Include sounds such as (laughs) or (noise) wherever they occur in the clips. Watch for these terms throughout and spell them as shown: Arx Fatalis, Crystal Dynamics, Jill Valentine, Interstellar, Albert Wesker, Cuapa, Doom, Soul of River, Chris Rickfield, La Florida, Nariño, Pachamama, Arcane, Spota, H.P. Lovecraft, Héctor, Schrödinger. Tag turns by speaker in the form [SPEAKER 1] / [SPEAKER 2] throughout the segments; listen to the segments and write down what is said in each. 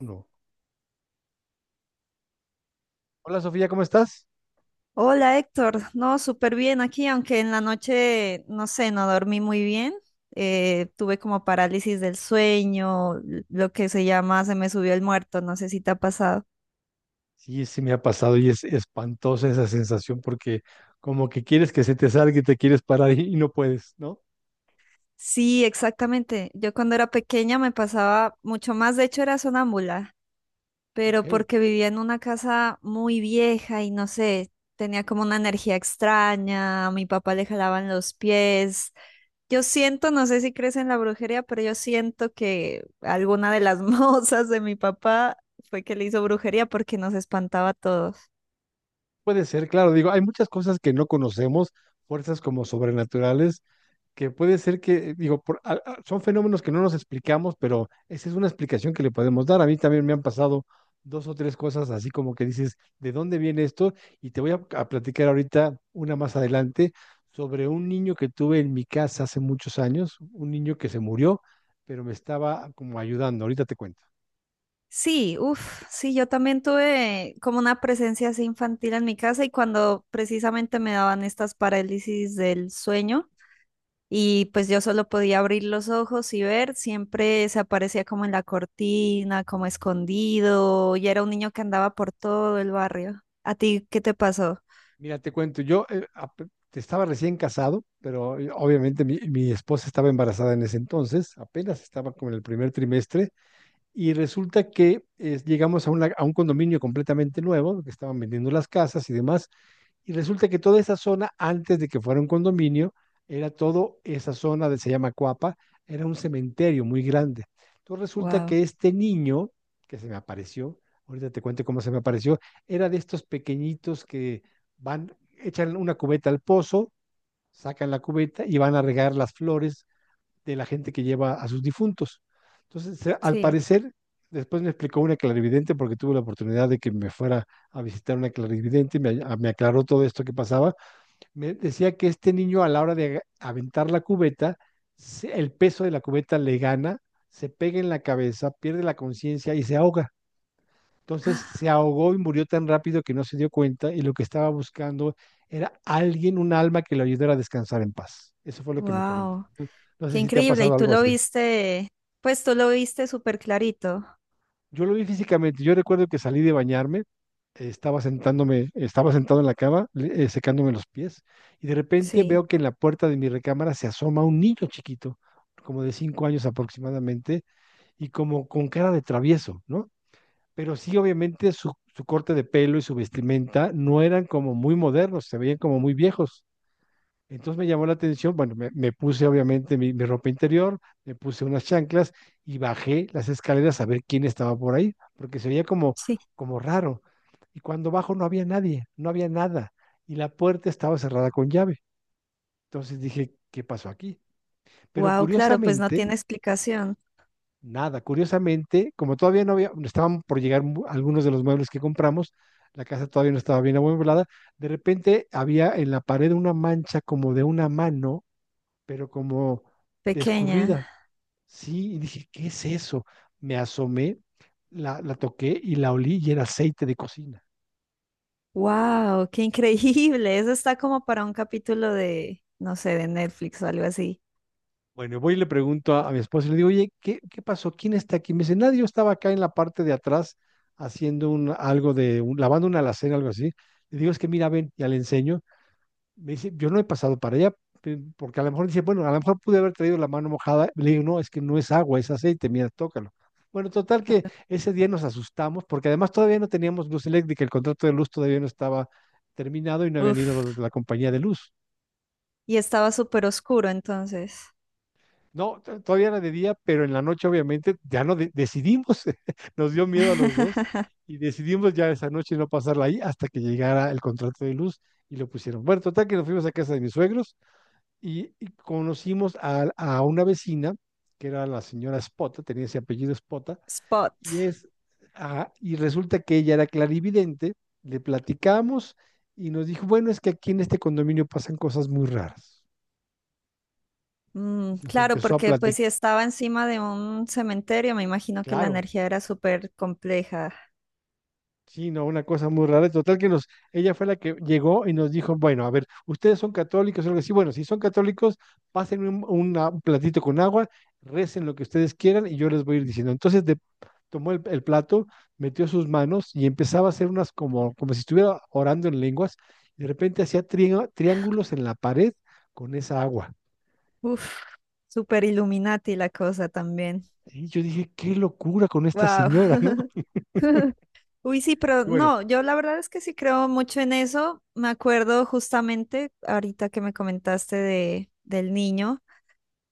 [SPEAKER 1] Uno. Hola Sofía, ¿cómo estás?
[SPEAKER 2] Hola Héctor, no, súper bien aquí, aunque en la noche, no sé, no dormí muy bien. Tuve como parálisis del sueño, lo que se llama se me subió el muerto, no sé si te ha pasado.
[SPEAKER 1] Sí, sí, me ha pasado y es espantosa esa sensación porque como que quieres que se te salga y te quieres parar y no puedes, ¿no?
[SPEAKER 2] Sí, exactamente. Yo cuando era pequeña me pasaba mucho más, de hecho era sonámbula,
[SPEAKER 1] Ok,
[SPEAKER 2] pero porque vivía en una casa muy vieja y no sé, tenía como una energía extraña, a mi papá le jalaban los pies. Yo siento, no sé si crees en la brujería, pero yo siento que alguna de las (laughs) mozas de mi papá fue que le hizo brujería porque nos espantaba a todos.
[SPEAKER 1] puede ser, claro, digo, hay muchas cosas que no conocemos, fuerzas como sobrenaturales que puede ser que, digo, son fenómenos que no nos explicamos, pero esa es una explicación que le podemos dar. A mí también me han pasado dos o tres cosas así como que dices, ¿de dónde viene esto? Y te voy a platicar ahorita una más adelante sobre un niño que tuve en mi casa hace muchos años, un niño que se murió, pero me estaba como ayudando. Ahorita te cuento.
[SPEAKER 2] Sí, uff, sí, yo también tuve como una presencia así infantil en mi casa y cuando precisamente me daban estas parálisis del sueño y pues yo solo podía abrir los ojos y ver, siempre se aparecía como en la cortina, como escondido y era un niño que andaba por todo el barrio. ¿A ti qué te pasó?
[SPEAKER 1] Mira, te cuento, yo te estaba recién casado, pero obviamente mi esposa estaba embarazada en ese entonces, apenas estaba como en el primer trimestre. Y resulta que llegamos a, a un condominio completamente nuevo, que estaban vendiendo las casas y demás, y resulta que toda esa zona, antes de que fuera un condominio, era todo esa zona de, se llama Cuapa, era un cementerio muy grande. Entonces resulta
[SPEAKER 2] Wow,
[SPEAKER 1] que este niño que se me apareció, ahorita te cuento cómo se me apareció, era de estos pequeñitos que van, echan una cubeta al pozo, sacan la cubeta y van a regar las flores de la gente que lleva a sus difuntos. Entonces, al
[SPEAKER 2] sí.
[SPEAKER 1] parecer, después me explicó una clarividente porque tuve la oportunidad de que me fuera a visitar una clarividente, y me, me aclaró todo esto que pasaba. Me decía que este niño a la hora de aventar la cubeta, el peso de la cubeta le gana, se pega en la cabeza, pierde la conciencia y se ahoga. Entonces se ahogó y murió tan rápido que no se dio cuenta y lo que estaba buscando era alguien, un alma que lo ayudara a descansar en paz. Eso fue lo que me comentó.
[SPEAKER 2] Wow,
[SPEAKER 1] No
[SPEAKER 2] qué
[SPEAKER 1] sé si te ha
[SPEAKER 2] increíble. Y
[SPEAKER 1] pasado
[SPEAKER 2] tú
[SPEAKER 1] algo
[SPEAKER 2] lo
[SPEAKER 1] así.
[SPEAKER 2] viste, pues tú lo viste súper clarito.
[SPEAKER 1] Yo lo vi físicamente. Yo recuerdo que salí de bañarme, estaba sentándome, estaba sentado en la cama, secándome los pies, y de repente
[SPEAKER 2] Sí,
[SPEAKER 1] veo que en la puerta de mi recámara se asoma un niño chiquito, como de 5 años aproximadamente, y como con cara de travieso, ¿no? Pero sí, obviamente, su corte de pelo y su vestimenta no eran como muy modernos, se veían como muy viejos. Entonces me llamó la atención, bueno, me puse obviamente mi ropa interior, me puse unas chanclas y bajé las escaleras a ver quién estaba por ahí, porque se veía como,
[SPEAKER 2] sí.
[SPEAKER 1] como raro. Y cuando bajo no había nadie, no había nada, y la puerta estaba cerrada con llave. Entonces dije, ¿qué pasó aquí? Pero
[SPEAKER 2] Wow, claro, pues no
[SPEAKER 1] curiosamente,
[SPEAKER 2] tiene explicación.
[SPEAKER 1] nada, curiosamente, como todavía no había, estaban por llegar algunos de los muebles que compramos, la casa todavía no estaba bien amueblada, de repente había en la pared una mancha como de una mano pero como de
[SPEAKER 2] Pequeña.
[SPEAKER 1] escurrida. Sí, y dije, ¿qué es eso? Me asomé, la toqué y la olí y era aceite de cocina.
[SPEAKER 2] Wow, qué increíble. Eso está como para un capítulo de, no sé, de Netflix o algo así.
[SPEAKER 1] Bueno, voy y le pregunto a mi esposo y le digo, oye, ¿qué pasó? ¿Quién está aquí? Me dice, nadie, yo estaba acá en la parte de atrás haciendo un, algo de, lavando una alacena, algo así. Le digo, es que mira, ven, ya le enseño. Me dice, yo no he pasado para allá, porque a lo mejor dice, bueno, a lo mejor pude haber traído la mano mojada. Le digo, no, es que no es agua, es aceite, mira, tócalo. Bueno, total que ese día nos asustamos, porque además todavía no teníamos luz eléctrica, el contrato de luz todavía no estaba terminado y no habían ido los
[SPEAKER 2] Uf.
[SPEAKER 1] de la compañía de luz.
[SPEAKER 2] Y estaba súper oscuro entonces.
[SPEAKER 1] No, todavía era de día, pero en la noche obviamente ya no decidimos, (laughs) nos dio miedo a los dos
[SPEAKER 2] (laughs)
[SPEAKER 1] y decidimos ya esa noche no pasarla ahí hasta que llegara el contrato de luz y lo pusieron. Bueno, total que nos fuimos a casa de mis suegros y conocimos a una vecina, que era la señora Spota, tenía ese apellido Spota,
[SPEAKER 2] Spot.
[SPEAKER 1] y es, ah, y resulta que ella era clarividente, le platicamos y nos dijo, bueno, es que aquí en este condominio pasan cosas muy raras.
[SPEAKER 2] Mm,
[SPEAKER 1] Nos
[SPEAKER 2] claro,
[SPEAKER 1] empezó a
[SPEAKER 2] porque pues
[SPEAKER 1] platicar,
[SPEAKER 2] si estaba encima de un cementerio, me imagino que la
[SPEAKER 1] claro,
[SPEAKER 2] energía era súper compleja.
[SPEAKER 1] sí, no, una cosa muy rara. Total que nos, ella fue la que llegó y nos dijo, bueno, a ver, ustedes son católicos, o algo así. Bueno, si son católicos, pasen un, un platito con agua, recen lo que ustedes quieran y yo les voy a ir diciendo. Entonces tomó el plato, metió sus manos y empezaba a hacer unas como, como si estuviera orando en lenguas. Y de repente hacía triángulos en la pared con esa agua.
[SPEAKER 2] Uf, super Illuminati la cosa también.
[SPEAKER 1] Y yo dije, qué locura con esta
[SPEAKER 2] Wow.
[SPEAKER 1] señora, ¿no? (laughs)
[SPEAKER 2] (laughs) Uy, sí, pero
[SPEAKER 1] Y bueno,
[SPEAKER 2] no, yo la verdad es que sí creo mucho en eso. Me acuerdo justamente ahorita que me comentaste del niño,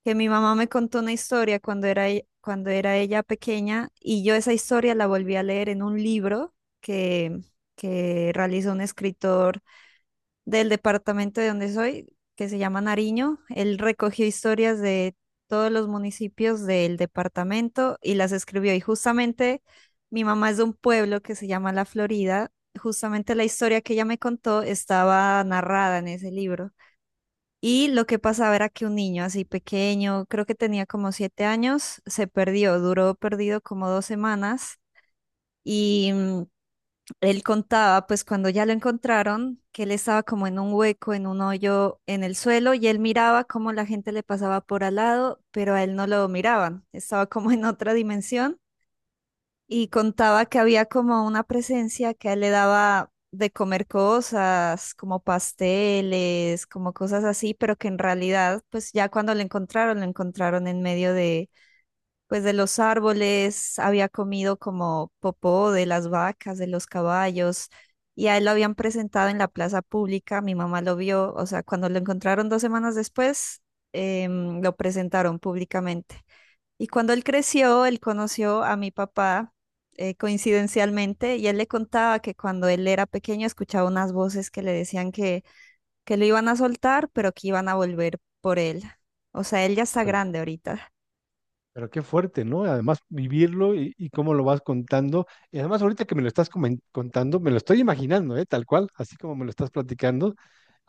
[SPEAKER 2] que mi mamá me contó una historia cuando cuando era ella pequeña y yo esa historia la volví a leer en un libro que, que realizó un escritor del departamento de donde soy, que se llama Nariño. Él recogió historias de todos los municipios del departamento y las escribió. Y justamente mi mamá es de un pueblo que se llama La Florida. Justamente la historia que ella me contó estaba narrada en ese libro. Y lo que pasaba era que un niño así pequeño, creo que tenía como 7 años, se perdió, duró perdido como 2 semanas y él contaba, pues cuando ya lo encontraron, que él estaba como en un hueco, en un hoyo en el suelo, y él miraba cómo la gente le pasaba por al lado, pero a él no lo miraban, estaba como en otra dimensión, y contaba que había como una presencia que a él le daba de comer cosas, como pasteles, como cosas así, pero que en realidad, pues ya cuando lo encontraron en medio de pues de los árboles, había comido como popó de las vacas, de los caballos, y a él lo habían presentado en la plaza pública, mi mamá lo vio, o sea, cuando lo encontraron 2 semanas después, lo presentaron públicamente. Y cuando él creció, él conoció a mi papá, coincidencialmente, y él le contaba que cuando él era pequeño escuchaba unas voces que le decían que lo iban a soltar, pero que iban a volver por él. O sea, él ya está grande ahorita.
[SPEAKER 1] pero qué fuerte, ¿no? Además, vivirlo y cómo lo vas contando. Y además, ahorita que me lo estás contando, me lo estoy imaginando, ¿eh? Tal cual, así como me lo estás platicando.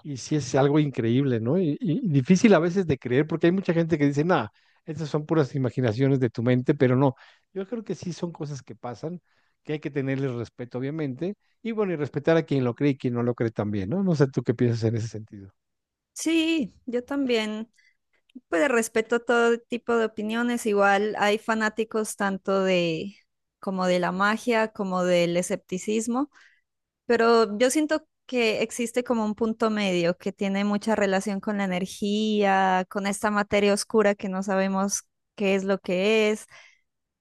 [SPEAKER 1] Y sí es algo increíble, ¿no? Y difícil a veces de creer, porque hay mucha gente que dice, nada, estas son puras imaginaciones de tu mente, pero no, yo creo que sí son cosas que pasan, que hay que tenerles respeto, obviamente, y bueno, y respetar a quien lo cree y quien no lo cree también, ¿no? No sé tú qué piensas en ese sentido.
[SPEAKER 2] Sí, yo también. Pues de respeto todo tipo de opiniones, igual hay fanáticos tanto de como de la magia como del escepticismo, pero yo siento que existe como un punto medio que tiene mucha relación con la energía, con esta materia oscura que no sabemos qué es lo que es.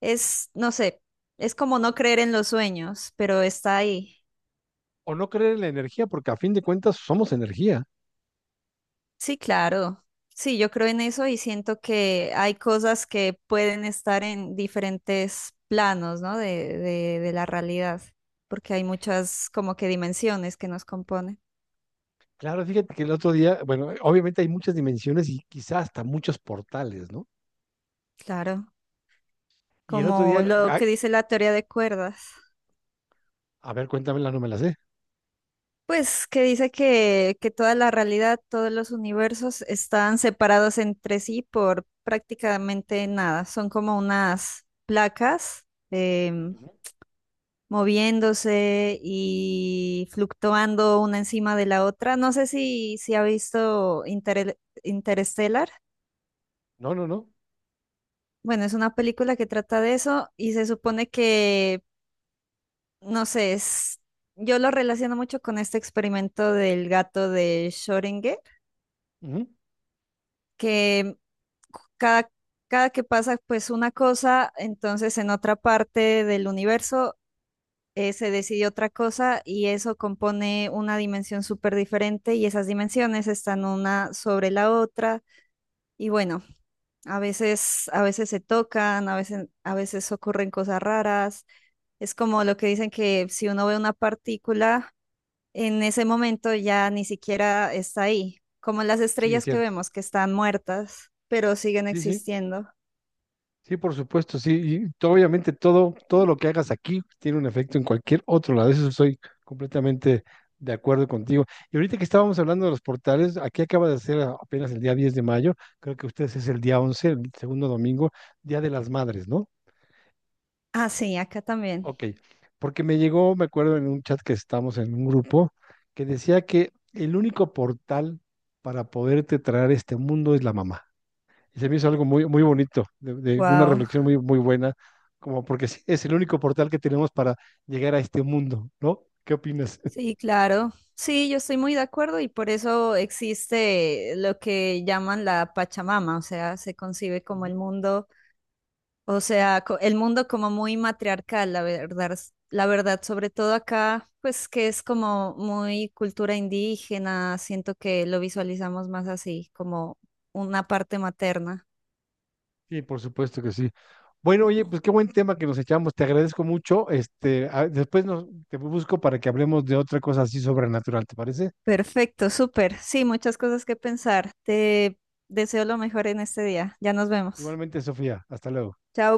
[SPEAKER 2] Es, no sé, es como no creer en los sueños, pero está ahí.
[SPEAKER 1] O no creer en la energía, porque a fin de cuentas somos energía.
[SPEAKER 2] Sí, claro. Sí, yo creo en eso y siento que hay cosas que pueden estar en diferentes planos, ¿no? De la realidad, porque hay muchas como que dimensiones que nos componen.
[SPEAKER 1] Claro, fíjate que el otro día, bueno, obviamente hay muchas dimensiones y quizás hasta muchos portales, ¿no?
[SPEAKER 2] Claro,
[SPEAKER 1] Y el otro
[SPEAKER 2] como
[SPEAKER 1] día,
[SPEAKER 2] lo
[SPEAKER 1] ah,
[SPEAKER 2] que dice la teoría de cuerdas,
[SPEAKER 1] a ver, cuéntamela, no me la sé.
[SPEAKER 2] pues que dice que toda la realidad, todos los universos están separados entre sí por prácticamente nada. Son como unas placas. em,
[SPEAKER 1] Ujú.
[SPEAKER 2] Moviéndose y fluctuando una encima de la otra. No sé si ha visto Interstellar.
[SPEAKER 1] No, no, no.
[SPEAKER 2] Bueno, es una película que trata de eso y se supone que, no sé, es- Yo lo relaciono mucho con este experimento del gato de Schrödinger,
[SPEAKER 1] Ujú.
[SPEAKER 2] que cada, cada que pasa pues una cosa, entonces en otra parte del universo se decidió otra cosa y eso compone una dimensión súper diferente y esas dimensiones están una sobre la otra y bueno, a veces se tocan, a veces ocurren cosas raras. Es como lo que dicen que si uno ve una partícula, en ese momento ya ni siquiera está ahí, como las
[SPEAKER 1] Sí, es
[SPEAKER 2] estrellas que
[SPEAKER 1] cierto.
[SPEAKER 2] vemos que están muertas, pero siguen
[SPEAKER 1] Sí, sí.
[SPEAKER 2] existiendo.
[SPEAKER 1] Sí, por supuesto, sí. Y obviamente todo, todo lo que hagas aquí tiene un efecto en cualquier otro lado. Eso estoy completamente de acuerdo contigo. Y ahorita que estábamos hablando de los portales, aquí acaba de ser apenas el día 10 de mayo, creo que ustedes es el día 11, el segundo domingo, Día de las Madres, ¿no?
[SPEAKER 2] Ah, sí, acá también.
[SPEAKER 1] Ok, porque me llegó, me acuerdo en un chat que estamos en un grupo, que decía que el único portal para poderte traer a este mundo es la mamá. Y se me hizo algo muy, muy bonito, de una
[SPEAKER 2] Wow.
[SPEAKER 1] reflexión muy, muy buena, como porque sí, es el único portal que tenemos para llegar a este mundo, ¿no? ¿Qué opinas? (laughs)
[SPEAKER 2] Sí, claro. Sí, yo estoy muy de acuerdo y por eso existe lo que llaman la Pachamama, o sea, se concibe como
[SPEAKER 1] Ujú.
[SPEAKER 2] el mundo, o sea, el mundo como muy matriarcal, la verdad, la verdad, sobre todo acá, pues que es como muy cultura indígena, siento que lo visualizamos más así, como una parte materna.
[SPEAKER 1] Sí, por supuesto que sí. Bueno, oye, pues qué buen tema que nos echamos. Te agradezco mucho. Este, después nos, te busco para que hablemos de otra cosa así sobrenatural, ¿te parece?
[SPEAKER 2] Perfecto, súper. Sí, muchas cosas que pensar. Te deseo lo mejor en este día. Ya nos vemos.
[SPEAKER 1] Igualmente, Sofía, hasta luego.
[SPEAKER 2] Chao.